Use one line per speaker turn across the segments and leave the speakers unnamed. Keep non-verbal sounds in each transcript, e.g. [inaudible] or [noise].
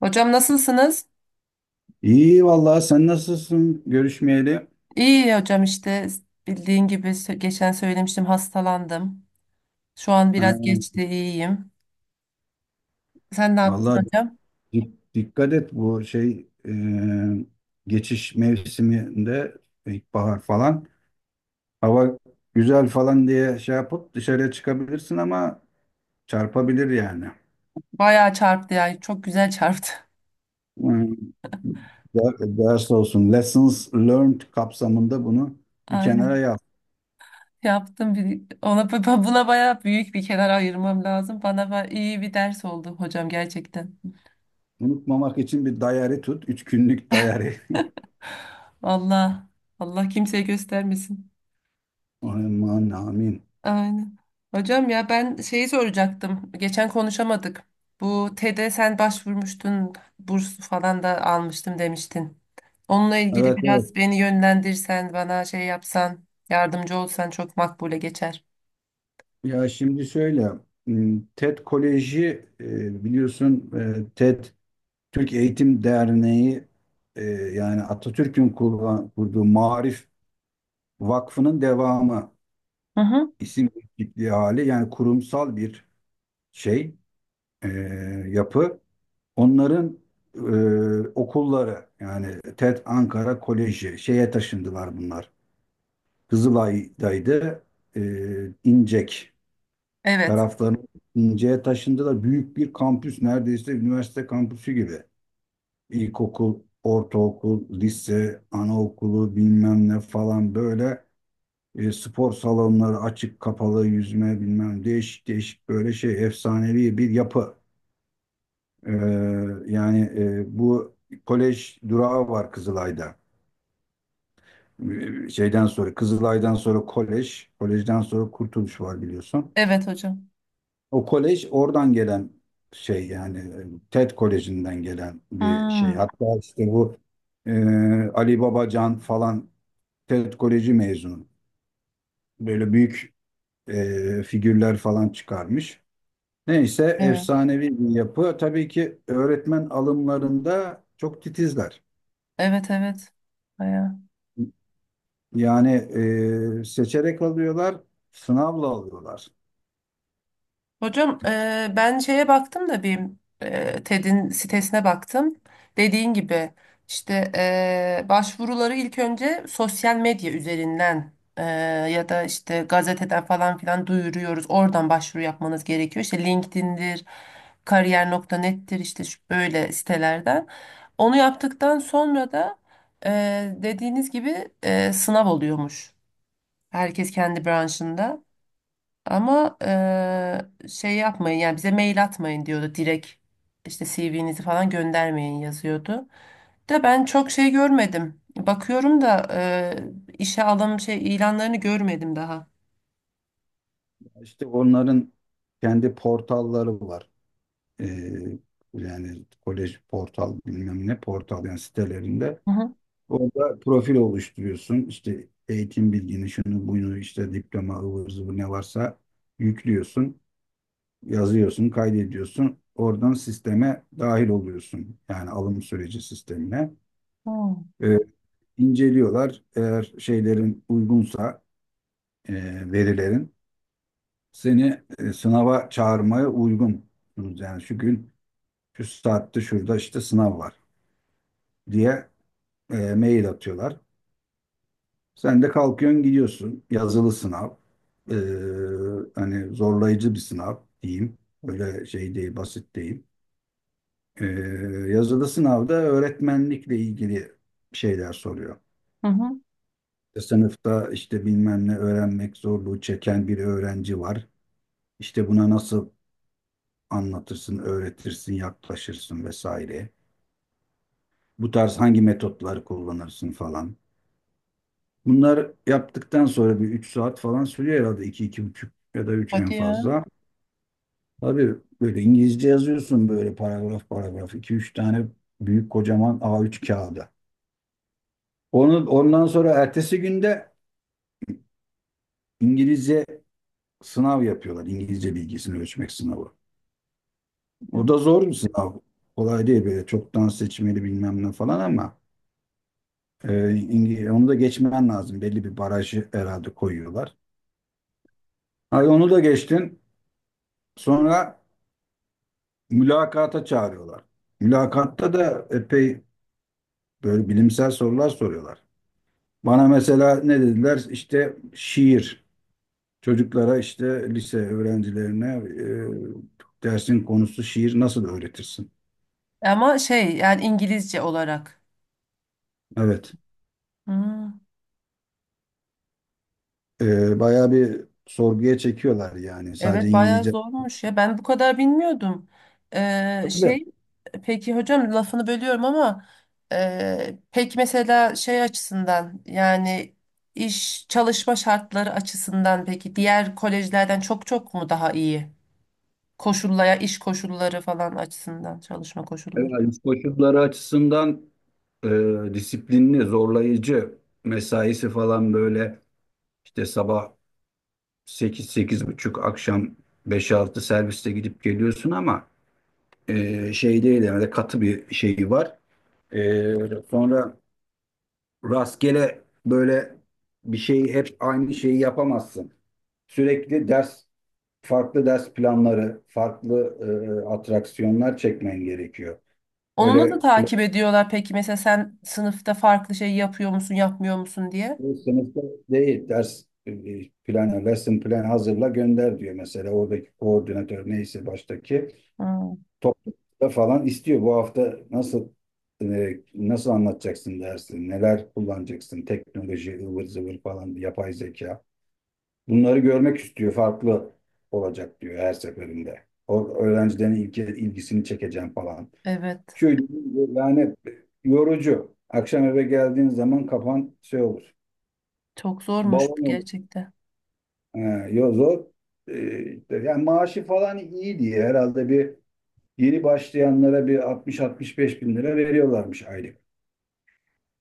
Hocam nasılsınız?
İyi vallahi sen nasılsın görüşmeyeli?
İyi hocam işte bildiğin gibi geçen söylemiştim hastalandım. Şu an
Ha,
biraz geçti iyiyim. Sen ne yaptın
vallahi
hocam?
dikkat et bu şey, geçiş mevsiminde ilkbahar falan hava güzel falan diye şey yapıp dışarıya çıkabilirsin ama çarpabilir yani.
Bayağı çarptı ya çok güzel çarptı.
Hmm, Ders olsun. Lessons learned kapsamında bunu
[laughs]
bir kenara
Aynen
yaz.
yaptım bir ona buna bayağı büyük bir kenar ayırmam lazım. Bana iyi bir ders oldu hocam gerçekten.
Unutmamak için bir diary tut. 3 günlük diary.
Allah Allah kimseye göstermesin.
[laughs] Aman amin.
Aynen. Hocam ya ben şeyi soracaktım. Geçen konuşamadık. Bu TED'e sen başvurmuştun. Burs falan da almıştım demiştin. Onunla ilgili
Evet evet.
biraz beni yönlendirsen, bana şey yapsan, yardımcı olsan çok makbule geçer.
Ya şimdi şöyle, TED Koleji, biliyorsun, TED Türk Eğitim Derneği, yani Atatürk'ün kurduğu Maarif Vakfı'nın devamı,
Hı hı.
isim değişikliği hali, yani kurumsal bir şey e, yapı. Onların okulları, yani TED Ankara Koleji şeye taşındılar bunlar. Kızılay'daydı, İncek.
Evet.
Taraflarını İnce'ye taşındılar. Büyük bir kampüs, neredeyse üniversite kampüsü gibi. İlkokul, ortaokul, lise, anaokulu bilmem ne falan böyle, spor salonları açık kapalı yüzme bilmem değişik değişik böyle şey, efsanevi bir yapı. Ee, yani, bu kolej durağı var Kızılay'da. Şeyden sonra, Kızılay'dan sonra kolej, kolejden sonra Kurtuluş var biliyorsun.
Evet hocam.
O kolej oradan gelen şey, yani TED Koleji'nden gelen bir şey.
Hmm.
Hatta işte bu e, Ali Babacan falan TED Koleji mezunu. Böyle büyük, figürler falan çıkarmış. Neyse,
Evet.
efsanevi bir yapı. Tabii ki öğretmen alımlarında çok titizler.
Evet, evet. Bayağı.
Yani, seçerek alıyorlar, sınavla alıyorlar.
Hocam ben şeye baktım da bir TED'in sitesine baktım. Dediğin gibi işte başvuruları ilk önce sosyal medya üzerinden e, ya da işte gazeteden falan filan duyuruyoruz. Oradan başvuru yapmanız gerekiyor. İşte LinkedIn'dir, kariyer nokta net'tir işte şu böyle sitelerden. Onu yaptıktan sonra da e, dediğiniz gibi sınav oluyormuş. Herkes kendi branşında. Ama şey yapmayın yani bize mail atmayın diyordu direkt işte CV'nizi falan göndermeyin yazıyordu. De ben çok şey görmedim. Bakıyorum da işe alım şey ilanlarını görmedim daha.
İşte onların kendi portalları var. e, yani kolej portal bilmem ne portal, yani sitelerinde
Hı hı.
orada profil oluşturuyorsun. İşte eğitim bilgini, şunu bunu, işte diploma, ıvır zıvır ne varsa yüklüyorsun. Yazıyorsun, kaydediyorsun. Oradan sisteme dahil oluyorsun, yani alım süreci sistemine. E, inceliyorlar. Eğer şeylerin uygunsa e, verilerin seni sınava çağırmaya uygun. Yani şu gün şu saatte şurada işte sınav var diye mail atıyorlar. Sen de kalkıyorsun gidiyorsun. Yazılı sınav. E, hani zorlayıcı bir sınav diyeyim. Öyle şey değil, basit değil. E, Yazılı sınavda öğretmenlikle ilgili şeyler soruyor.
Hı hı.
İşte sınıfta işte bilmem ne, öğrenmek zorluğu çeken bir öğrenci var. İşte buna nasıl anlatırsın, öğretirsin, yaklaşırsın vesaire. Bu tarz hangi metotları kullanırsın falan. Bunlar yaptıktan sonra bir 3 saat falan sürüyor herhalde. İki iki buçuk ya da üç en
Hadi ya.
fazla. Tabii böyle İngilizce yazıyorsun, böyle paragraf paragraf. İki üç tane büyük kocaman A3 kağıda. Onu, ondan sonra ertesi günde İngilizce sınav yapıyorlar. İngilizce bilgisini ölçmek sınavı. O da zor bir sınav. Kolay değil böyle, çoktan seçmeli bilmem ne falan, ama onu da geçmen lazım. Belli bir barajı herhalde koyuyorlar. Ay, onu da geçtin. Sonra mülakata çağırıyorlar. Mülakatta da epey böyle bilimsel sorular soruyorlar. Bana mesela ne dediler? İşte şiir. Çocuklara, işte lise öğrencilerine, dersin konusu şiir, nasıl öğretirsin?
Ama şey yani İngilizce olarak.
Evet.
Hı.
Bayağı bir sorguya çekiyorlar yani. Sadece
Evet bayağı
İngilizce.
zormuş ya. Ben bu kadar bilmiyordum.
Evet,
Şey peki hocam lafını bölüyorum ama peki mesela şey açısından yani iş çalışma şartları açısından peki diğer kolejlerden çok çok mu daha iyi? Koşullaya iş koşulları falan açısından çalışma koşulları.
Evet, koşulları açısından, disiplinli, zorlayıcı. Mesaisi falan böyle işte sabah 8 buçuk, akşam 5-6 serviste gidip geliyorsun, ama, şey değil yani, de katı bir şeyi var. E, Sonra rastgele böyle bir şeyi, hep aynı şeyi yapamazsın. Sürekli ders, farklı ders planları, farklı, atraksiyonlar çekmen gerekiyor.
Onu da
Öyle
takip ediyorlar peki mesela sen sınıfta farklı şey yapıyor musun yapmıyor musun diye.
klasik sınıfta değil. Ders, planı, lesson plan hazırla gönder diyor mesela oradaki koordinatör, neyse baştaki.
Hmm,
Toplumda falan istiyor. Bu hafta nasıl anlatacaksın dersi, neler kullanacaksın, teknoloji, ıvır zıvır falan, yapay zeka. Bunları görmek istiyor, farklı olacak diyor her seferinde. O öğrencilerin ilgisini çekeceğim falan.
evet
Şöyle yani, yorucu. Akşam eve geldiğin zaman kafan şey olur.
çok zormuş
Balon olur.
gerçekten.
Ee, Zor. İşte yani maaşı falan iyi diye herhalde bir. Yeni başlayanlara bir 60-65 bin lira veriyorlarmış aylık.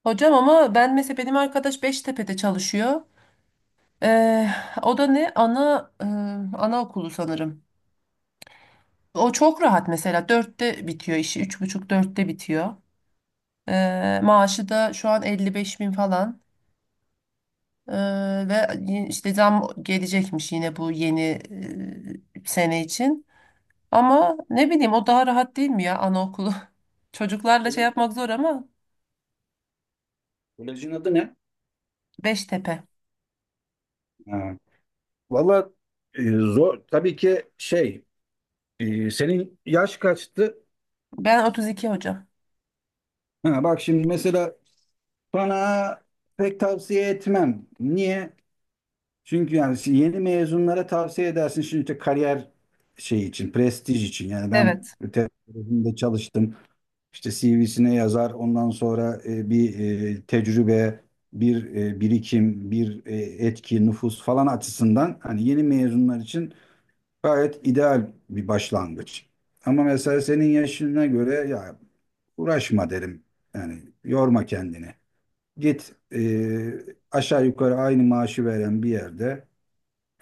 Hocam ama ben mesela benim arkadaş Beştepe'de çalışıyor. Ee, o da ne? Ana anaokulu sanırım. O çok rahat mesela. Dörtte bitiyor işi. Üç buçuk dörtte bitiyor. Maaşı da şu an 55.000 falan. Ee, ve işte zam gelecekmiş yine bu yeni sene için. Ama ne bileyim o daha rahat değil mi ya anaokulu? [laughs] Çocuklarla şey yapmak zor ama
Kolejin adı ne?
Beştepe.
Ha. Valla, zor. Tabii ki şey, senin yaş kaçtı?
Ben 32 hocam.
Ha, bak şimdi mesela bana pek tavsiye etmem. Niye? Çünkü yani yeni mezunlara tavsiye edersin. Şimdi işte kariyer şey için, prestij için. Yani ben
Evet.
öte tarafında çalıştım. İşte CV'sine yazar. Ondan sonra bir tecrübe, bir birikim, bir etki, nüfus falan açısından, hani yeni mezunlar için gayet ideal bir başlangıç. Ama mesela senin yaşına göre ya, uğraşma derim. Yani yorma kendini. Git, aşağı yukarı aynı maaşı veren bir yerde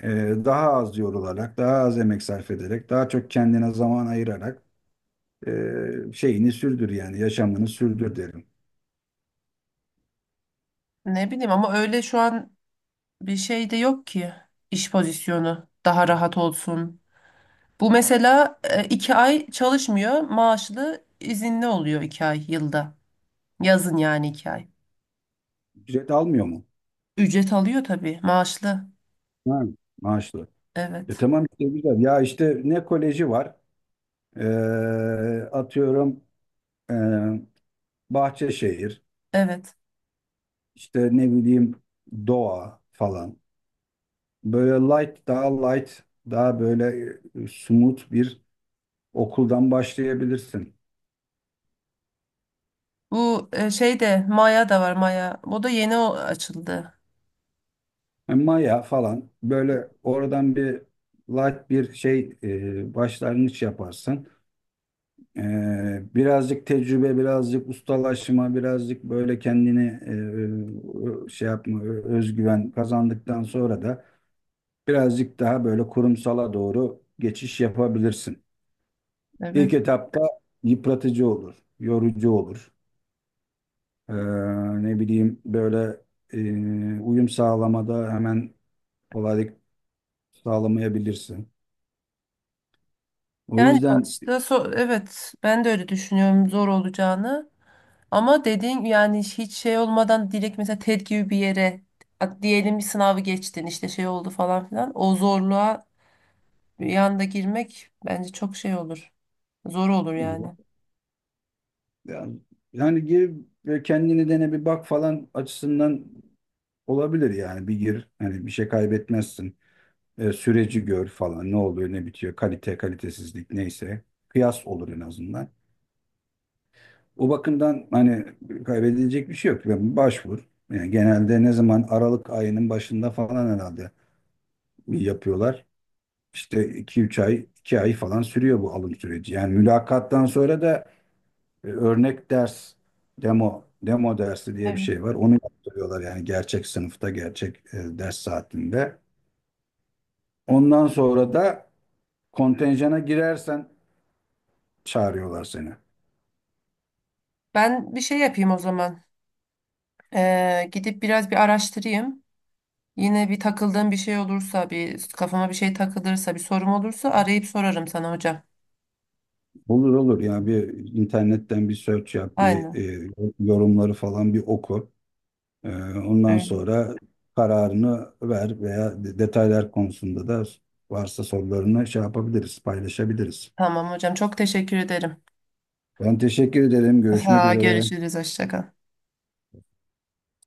e, daha az yorularak, daha az emek sarf ederek, daha çok kendine zaman ayırarak, şeyini sürdür, yani yaşamını sürdür derim.
Ne bileyim ama öyle şu an bir şey de yok ki iş pozisyonu daha rahat olsun. Bu mesela 2 ay çalışmıyor, maaşlı izinli oluyor 2 ay yılda. Yazın yani 2 ay.
Ücret almıyor mu?
Ücret alıyor tabii, maaşlı.
Ha, maaşlı.
Evet,
Tamam işte, güzel. Ya işte ne koleji var? Ee, Atıyorum e, Bahçeşehir,
evet.
işte ne bileyim Doğa falan. Böyle light, daha light, daha böyle, smooth bir okuldan başlayabilirsin.
Bu şey de Maya da var Maya. O da yeni açıldı.
Maya falan böyle oradan bir light bir şey, başlangıç yaparsın. E, Birazcık tecrübe, birazcık ustalaşma, birazcık böyle kendini şey yapma, özgüven kazandıktan sonra da birazcık daha böyle kurumsala doğru geçiş yapabilirsin.
Evet.
İlk etapta yıpratıcı olur, yorucu olur. E, Ne bileyim böyle, uyum sağlamada hemen kolaylık sağlamayabilirsin. O
Yani
yüzden
başta evet ben de öyle düşünüyorum zor olacağını. Ama dediğin yani hiç şey olmadan direkt mesela TED gibi bir yere diyelim bir sınavı geçtin işte şey oldu falan filan. O zorluğa bir anda girmek bence çok şey olur. Zor olur yani.
yani, yani, gir ve kendini dene bir bak falan açısından olabilir, yani bir gir, hani bir şey kaybetmezsin. Süreci gör falan, ne oluyor ne bitiyor, kalite kalitesizlik neyse, kıyas olur en azından. O bakımdan hani kaybedilecek bir şey yok. Yani başvur. Yani genelde ne zaman, Aralık ayının başında falan herhalde yapıyorlar. İşte iki üç ay, 2 ay falan sürüyor bu alım süreci. Yani mülakattan sonra da, örnek ders, demo dersi diye bir
Evet.
şey var. Onu yaptırıyorlar, yani gerçek sınıfta gerçek, ders saatinde. Ondan sonra da kontenjana girersen çağırıyorlar seni.
Ben bir şey yapayım o zaman. Gidip biraz bir araştırayım. Yine bir takıldığım bir şey olursa, bir kafama bir şey takılırsa, bir sorum olursa arayıp sorarım sana hocam.
Olur olur, yani bir internetten bir search yap, bir
Aynen.
e, yorumları falan bir oku. E, Ondan
Öyle.
sonra kararını ver. Veya detaylar konusunda da varsa sorularını şey yapabiliriz, paylaşabiliriz.
Tamam hocam. Çok teşekkür ederim.
Ben teşekkür ederim. Görüşmek
Ha,
üzere.
görüşürüz. Hoşça kal.